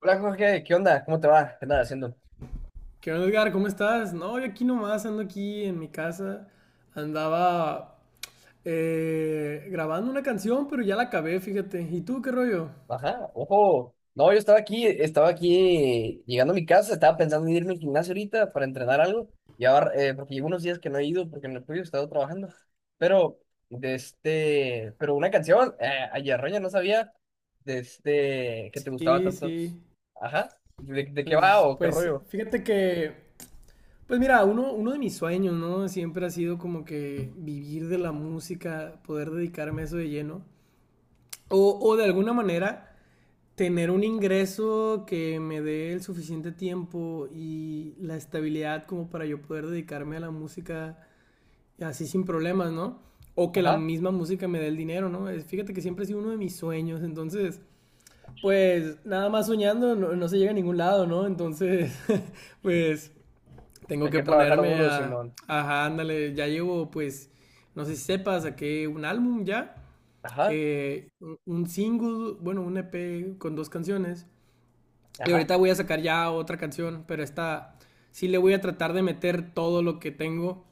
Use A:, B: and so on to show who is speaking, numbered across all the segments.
A: Hola Jorge, ¿qué onda? ¿Cómo te va? ¿Qué andas haciendo?
B: ¿Qué onda, Edgar? ¿Cómo estás? No, yo aquí nomás ando aquí en mi casa. Andaba grabando una canción, pero ya la acabé, fíjate. ¿Y tú qué rollo?
A: Ajá, ojo. No, yo estaba aquí llegando a mi casa, estaba pensando en irme al gimnasio ahorita para entrenar algo. Y ahora, porque llevo unos días que no he ido porque en el tuyo he estado trabajando. Pero, pero una canción, ayer Roña no sabía, que te gustaba
B: Sí,
A: tanto.
B: sí.
A: Ajá, ¿de qué va
B: Pues,
A: o qué
B: pues,
A: rollo?
B: fíjate que, pues mira, uno de mis sueños, ¿no? Siempre ha sido como que vivir de la música, poder dedicarme a eso de lleno. O de alguna manera tener un ingreso que me dé el suficiente tiempo y la estabilidad como para yo poder dedicarme a la música así sin problemas, ¿no? O que la
A: Ajá,
B: misma música me dé el dinero, ¿no? Fíjate que siempre ha sido uno de mis sueños, entonces, pues nada más soñando no se llega a ningún lado, ¿no? Entonces, pues tengo
A: hay
B: que
A: que trabajar
B: ponerme
A: duro,
B: a...
A: Simón.
B: Ajá, ándale, ya llevo pues, no sé si sepas, saqué un álbum ya,
A: Ajá,
B: un single, bueno, un EP con dos canciones y
A: ajá,
B: ahorita voy a sacar ya otra canción, pero esta sí le voy a tratar de meter todo lo que tengo,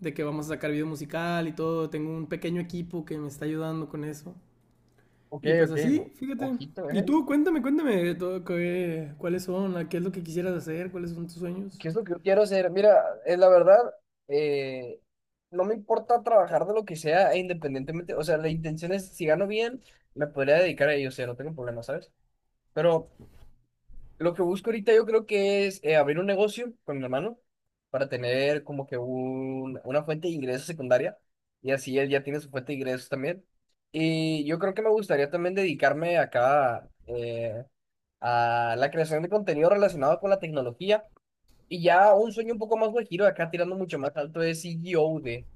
B: de que vamos a sacar video musical y todo. Tengo un pequeño equipo que me está ayudando con eso.
A: ok,
B: Y pues
A: ok,
B: así,
A: no,
B: fíjate.
A: ojito,
B: Y
A: ¿eh?
B: tú, cuéntame, cuéntame, todo, cuáles son, qué es lo que quisieras hacer, cuáles son tus sueños.
A: ¿Qué es lo que yo quiero hacer? Mira, es la verdad, eh, no me importa trabajar de lo que sea, e independientemente, o sea, la intención es, si gano bien, me podría dedicar a ello. O sea, no tengo problema, ¿sabes? Pero lo que busco ahorita yo creo que es, abrir un negocio con mi hermano para tener como que una fuente de ingresos secundaria, y así él ya tiene su fuente de ingresos también. Y yo creo que me gustaría también dedicarme acá, a la creación de contenido relacionado con la tecnología. Y ya un sueño un poco más guajiro, acá tirando mucho más alto, es CEO. De,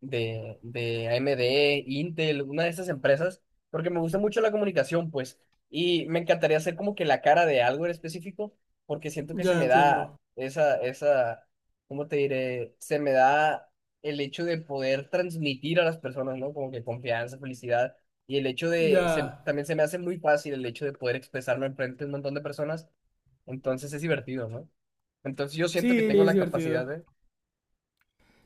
A: de AMD. Intel, una de esas empresas, porque me gusta mucho la comunicación, pues, y me encantaría ser como que la cara de algo en específico, porque siento que se
B: Ya
A: me da
B: entiendo.
A: esa, ¿cómo te diré? Se me da el hecho de poder transmitir a las personas, ¿no? Como que confianza, felicidad, y el hecho de,
B: Ya.
A: también se me hace muy fácil el hecho de poder expresarlo enfrente de un montón de personas. Entonces es divertido, ¿no? Entonces yo siento
B: Sí,
A: que tengo
B: es
A: la
B: divertido.
A: capacidad de.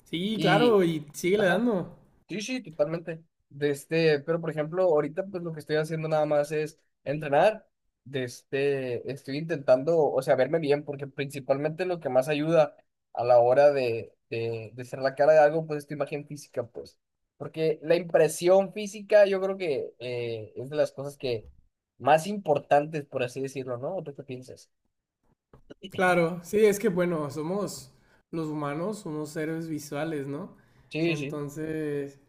B: Sí, claro,
A: Y,
B: y sigue le
A: ajá,
B: dando.
A: sí, sí, totalmente. Pero por ejemplo, ahorita pues lo que estoy haciendo nada más es entrenar. Estoy intentando, o sea, verme bien, porque principalmente lo que más ayuda a la hora de, de ser la cara de algo, pues es tu imagen física, pues. Porque la impresión física yo creo que, es de las cosas que más importantes, por así decirlo, ¿no? ¿O tú qué piensas?
B: Claro, sí, es que bueno, somos los humanos, somos seres visuales, ¿no?
A: Sí, sí,
B: Entonces,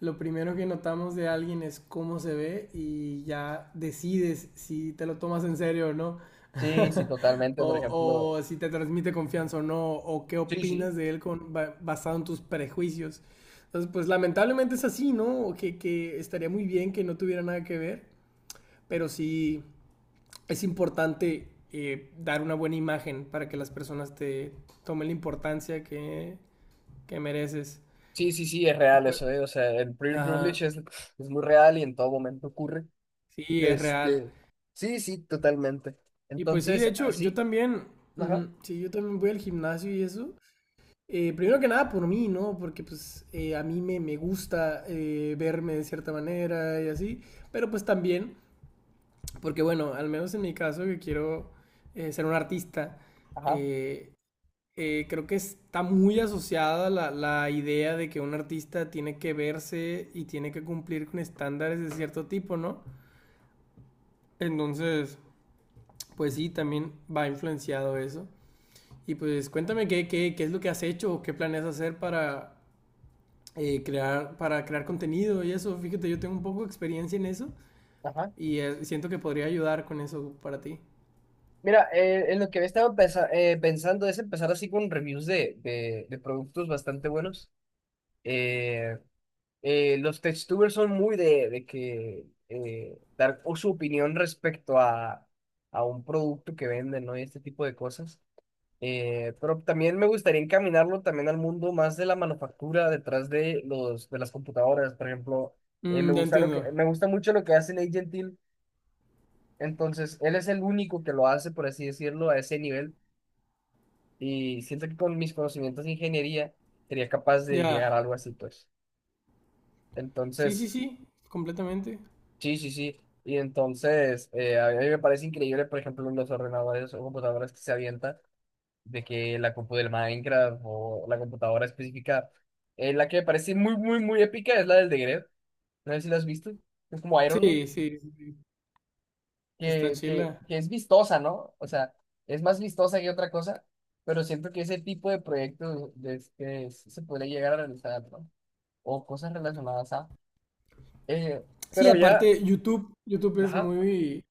B: lo primero que notamos de alguien es cómo se ve y ya decides si te lo tomas en serio o no,
A: sí, sí, totalmente, por
B: o,
A: ejemplo.
B: o si te transmite confianza o no, o qué
A: Sí, sí.
B: opinas de él basado en tus prejuicios. Entonces, pues lamentablemente es así, ¿no? Que estaría muy bien que no tuviera nada que ver, pero sí, es importante dar una buena imagen para que las personas te tomen la importancia que mereces.
A: Sí, sí, sí, es real
B: Pues,
A: eso, ¿eh? O sea, el privilege
B: ajá,
A: privilege es muy real y en todo momento ocurre.
B: sí, es real.
A: Este, sí, sí, totalmente.
B: Y pues sí, de
A: Entonces,
B: hecho, yo
A: así,
B: también, uh
A: ajá,
B: -huh, sí, yo también voy al gimnasio y eso. Primero que nada por mí, ¿no? Porque pues a mí me, me gusta verme de cierta manera y así. Pero pues también, porque bueno, al menos en mi caso, que quiero ser un artista,
A: ajá,
B: eh, creo que está muy asociada la, la idea de que un artista tiene que verse y tiene que cumplir con estándares de cierto tipo, ¿no? Entonces, pues sí, también va influenciado eso. Y pues cuéntame qué, qué, qué es lo que has hecho o qué planeas hacer para, para crear contenido y eso. Fíjate, yo tengo un poco de experiencia en eso
A: ajá.
B: y siento que podría ayudar con eso para ti.
A: Mira, en lo que había estado pensando es empezar así con reviews de, de productos bastante buenos. Eh, los textubers son muy de, de que dar su opinión respecto a un producto que venden, ¿no? Y este tipo de cosas. Pero también me gustaría encaminarlo también al mundo más de la manufactura detrás de los de las computadoras, por ejemplo.
B: Mm, ya entiendo.
A: Me gusta mucho lo que hace Nate Gentil, entonces él es el único que lo hace, por así decirlo, a ese nivel, y siento que con mis conocimientos de ingeniería sería capaz de llegar a
B: Ya.
A: algo así, pues.
B: Sí, sí,
A: Entonces,
B: sí, completamente.
A: sí, sí, sí. Y entonces, a mí me parece increíble, por ejemplo, los ordenadores o computadoras que se avientan, de que la compu del Minecraft o la computadora específica, la que me parece muy, muy, muy épica es la del de Grefg. No sé si la has visto. Es como Iron Man,
B: Sí, sí, sí. Sí. Está
A: que,
B: chila.
A: que, que es vistosa, ¿no? O sea, es más vistosa que otra cosa, pero siento que ese tipo de proyectos que se podría llegar a realizar, ¿no? O cosas relacionadas a. eh,
B: Sí,
A: pero ya,
B: aparte YouTube es
A: ajá,
B: muy,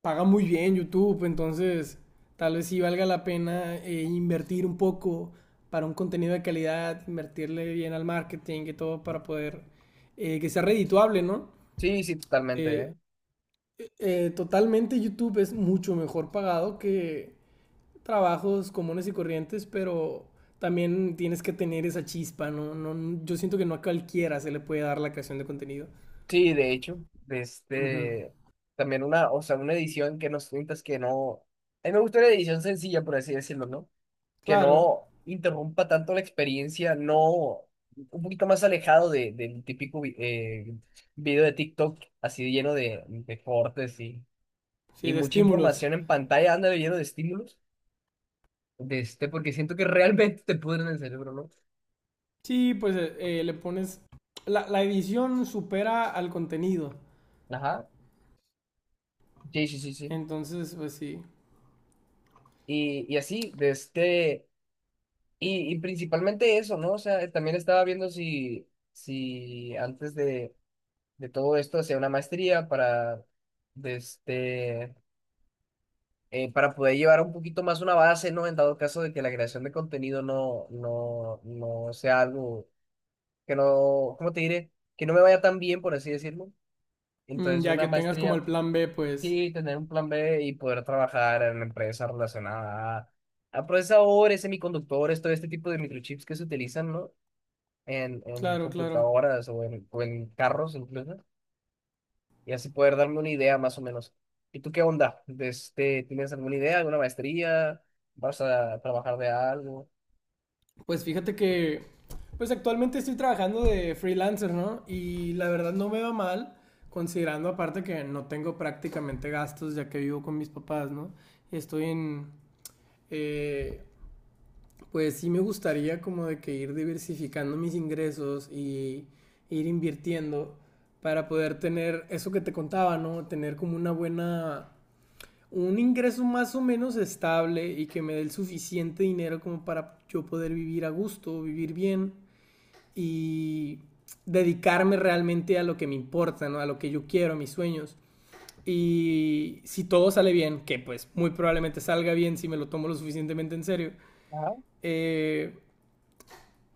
B: paga muy bien YouTube, entonces tal vez sí valga la pena invertir un poco para un contenido de calidad, invertirle bien al marketing y todo para poder que sea redituable, ¿no?
A: sí, sí, totalmente,
B: Eh,
A: ¿eh?
B: totalmente YouTube es mucho mejor pagado que trabajos comunes y corrientes, pero también tienes que tener esa chispa, ¿no? No, yo siento que no a cualquiera se le puede dar la creación de contenido.
A: Sí, de hecho,
B: Ujú.
A: también una, o sea, una edición que nos cuentas que no, a mí me gusta una edición sencilla, por así decirlo, ¿no? Que
B: Claro,
A: no interrumpa tanto la experiencia, no, un poquito más alejado de, del típico video de TikTok, así lleno de cortes y
B: sí, de
A: mucha
B: estímulos.
A: información en pantalla, anda lleno de estímulos, porque siento que realmente te pudren el cerebro, ¿no?
B: Sí, pues le pones... La edición supera al contenido.
A: Ajá, sí, sí, sí, sí.
B: Entonces, pues sí.
A: Y así. Y principalmente eso, ¿no? O sea, también estaba viendo si antes de todo esto hacía una maestría de este, para poder llevar un poquito más una base, ¿no? En dado caso de que la creación de contenido no, no, no sea algo que no, ¿cómo te diré? Que no me vaya tan bien, por así decirlo.
B: Mm,
A: Entonces,
B: ya
A: una
B: que tengas como
A: maestría,
B: el plan B, pues...
A: sí, tener un plan B y poder trabajar en una empresa relacionada a procesadores, semiconductores, todo este tipo de microchips que se utilizan, ¿no? En
B: Claro, claro.
A: computadoras, o en carros incluso, y así poder darme una idea más o menos. ¿Y tú qué onda? ¿Tienes alguna idea, alguna maestría? ¿Vas a trabajar de algo?
B: Pues fíjate que... Pues actualmente estoy trabajando de freelancer, ¿no? Y la verdad no me va mal, considerando aparte que no tengo prácticamente gastos ya que vivo con mis papás, ¿no? Y estoy en... eh, pues sí me gustaría como de que ir diversificando mis ingresos y ir invirtiendo para poder tener eso que te contaba, ¿no? Tener como una buena, un ingreso más o menos estable y que me dé el suficiente dinero como para yo poder vivir a gusto, vivir bien y dedicarme realmente a lo que me importa, ¿no? A lo que yo quiero, a mis sueños. Y si todo sale bien, que pues muy probablemente salga bien si me lo tomo lo suficientemente en serio,
A: Ajá,
B: eh,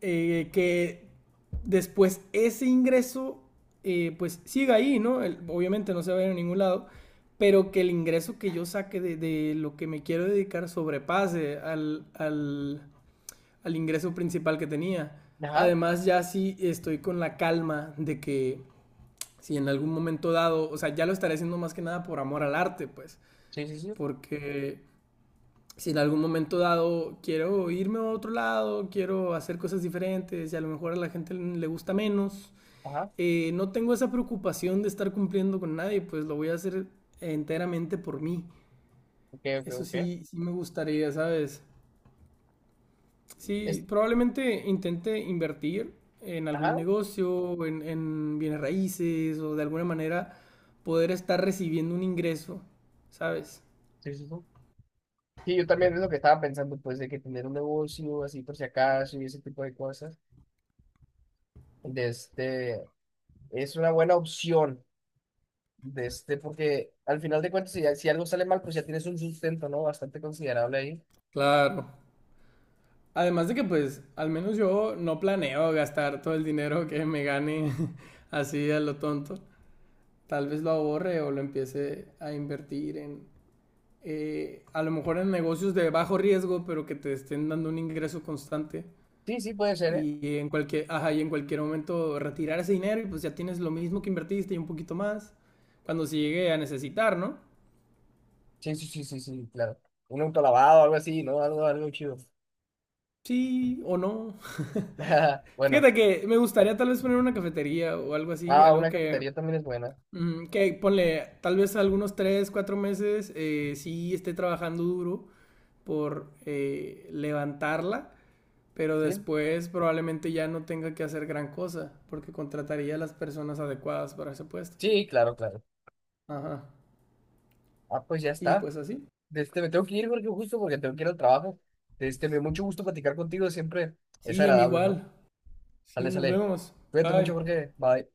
B: que después ese ingreso pues siga ahí, ¿no? El- obviamente no se va a ir a ningún lado, pero que el ingreso que yo saque de lo que me quiero dedicar sobrepase al ingreso principal que tenía.
A: ajá,
B: Además, ya sí estoy con la calma de que si en algún momento dado, o sea, ya lo estaré haciendo más que nada por amor al arte, pues,
A: sí, sí, sí,
B: porque si en algún momento dado quiero irme a otro lado, quiero hacer cosas diferentes y a lo mejor a la gente le gusta menos,
A: ajá,
B: no tengo esa preocupación de estar cumpliendo con nadie, pues lo voy a hacer enteramente por mí.
A: ok, ok,
B: Eso
A: ok.
B: sí, sí me gustaría, ¿sabes?
A: Es,
B: Sí, probablemente intente invertir en algún
A: ajá,
B: negocio, en bienes raíces o de alguna manera poder estar recibiendo un ingreso, ¿sabes?
A: sí, sí, sí. Sí, yo también es lo que estaba pensando, pues, de que tener un negocio así por si acaso y ese tipo de cosas, de este, es una buena opción, porque al final de cuentas, si algo sale mal, pues ya tienes un sustento, ¿no? Bastante considerable ahí.
B: Claro. Además de que pues al menos yo no planeo gastar todo el dinero que me gane así a lo tonto. Tal vez lo ahorre o lo empiece a invertir en, a lo mejor en negocios de bajo riesgo, pero que te estén dando un ingreso constante.
A: Sí, sí, puede ser, ¿eh?
B: Y en cualquier, ajá, y en cualquier momento retirar ese dinero y pues ya tienes lo mismo que invertiste y un poquito más. Cuando se llegue a necesitar, ¿no?
A: Sí, sí, sí, sí, sí, claro. Un auto lavado, algo así, ¿no? Algo, algo chido.
B: Sí o no.
A: Bueno,
B: Fíjate que me gustaría tal vez poner una cafetería o algo así,
A: ah,
B: algo
A: una
B: que
A: cafetería también es buena.
B: ujú, que ponle, tal vez algunos tres, cuatro meses, sí esté trabajando duro por levantarla, pero
A: Sí,
B: después probablemente ya no tenga que hacer gran cosa, porque contrataría a las personas adecuadas para ese puesto.
A: sí, claro, claro.
B: Ajá.
A: Ah, pues ya
B: Y
A: está.
B: pues así.
A: Me tengo que ir porque justo porque tengo que ir al trabajo. Me dio mucho gusto platicar contigo, siempre es
B: Sí, a mí
A: agradable, ¿no?
B: igual. Sí,
A: Sale,
B: nos
A: sale.
B: vemos.
A: Cuídate mucho,
B: Bye.
A: Jorge. Bye.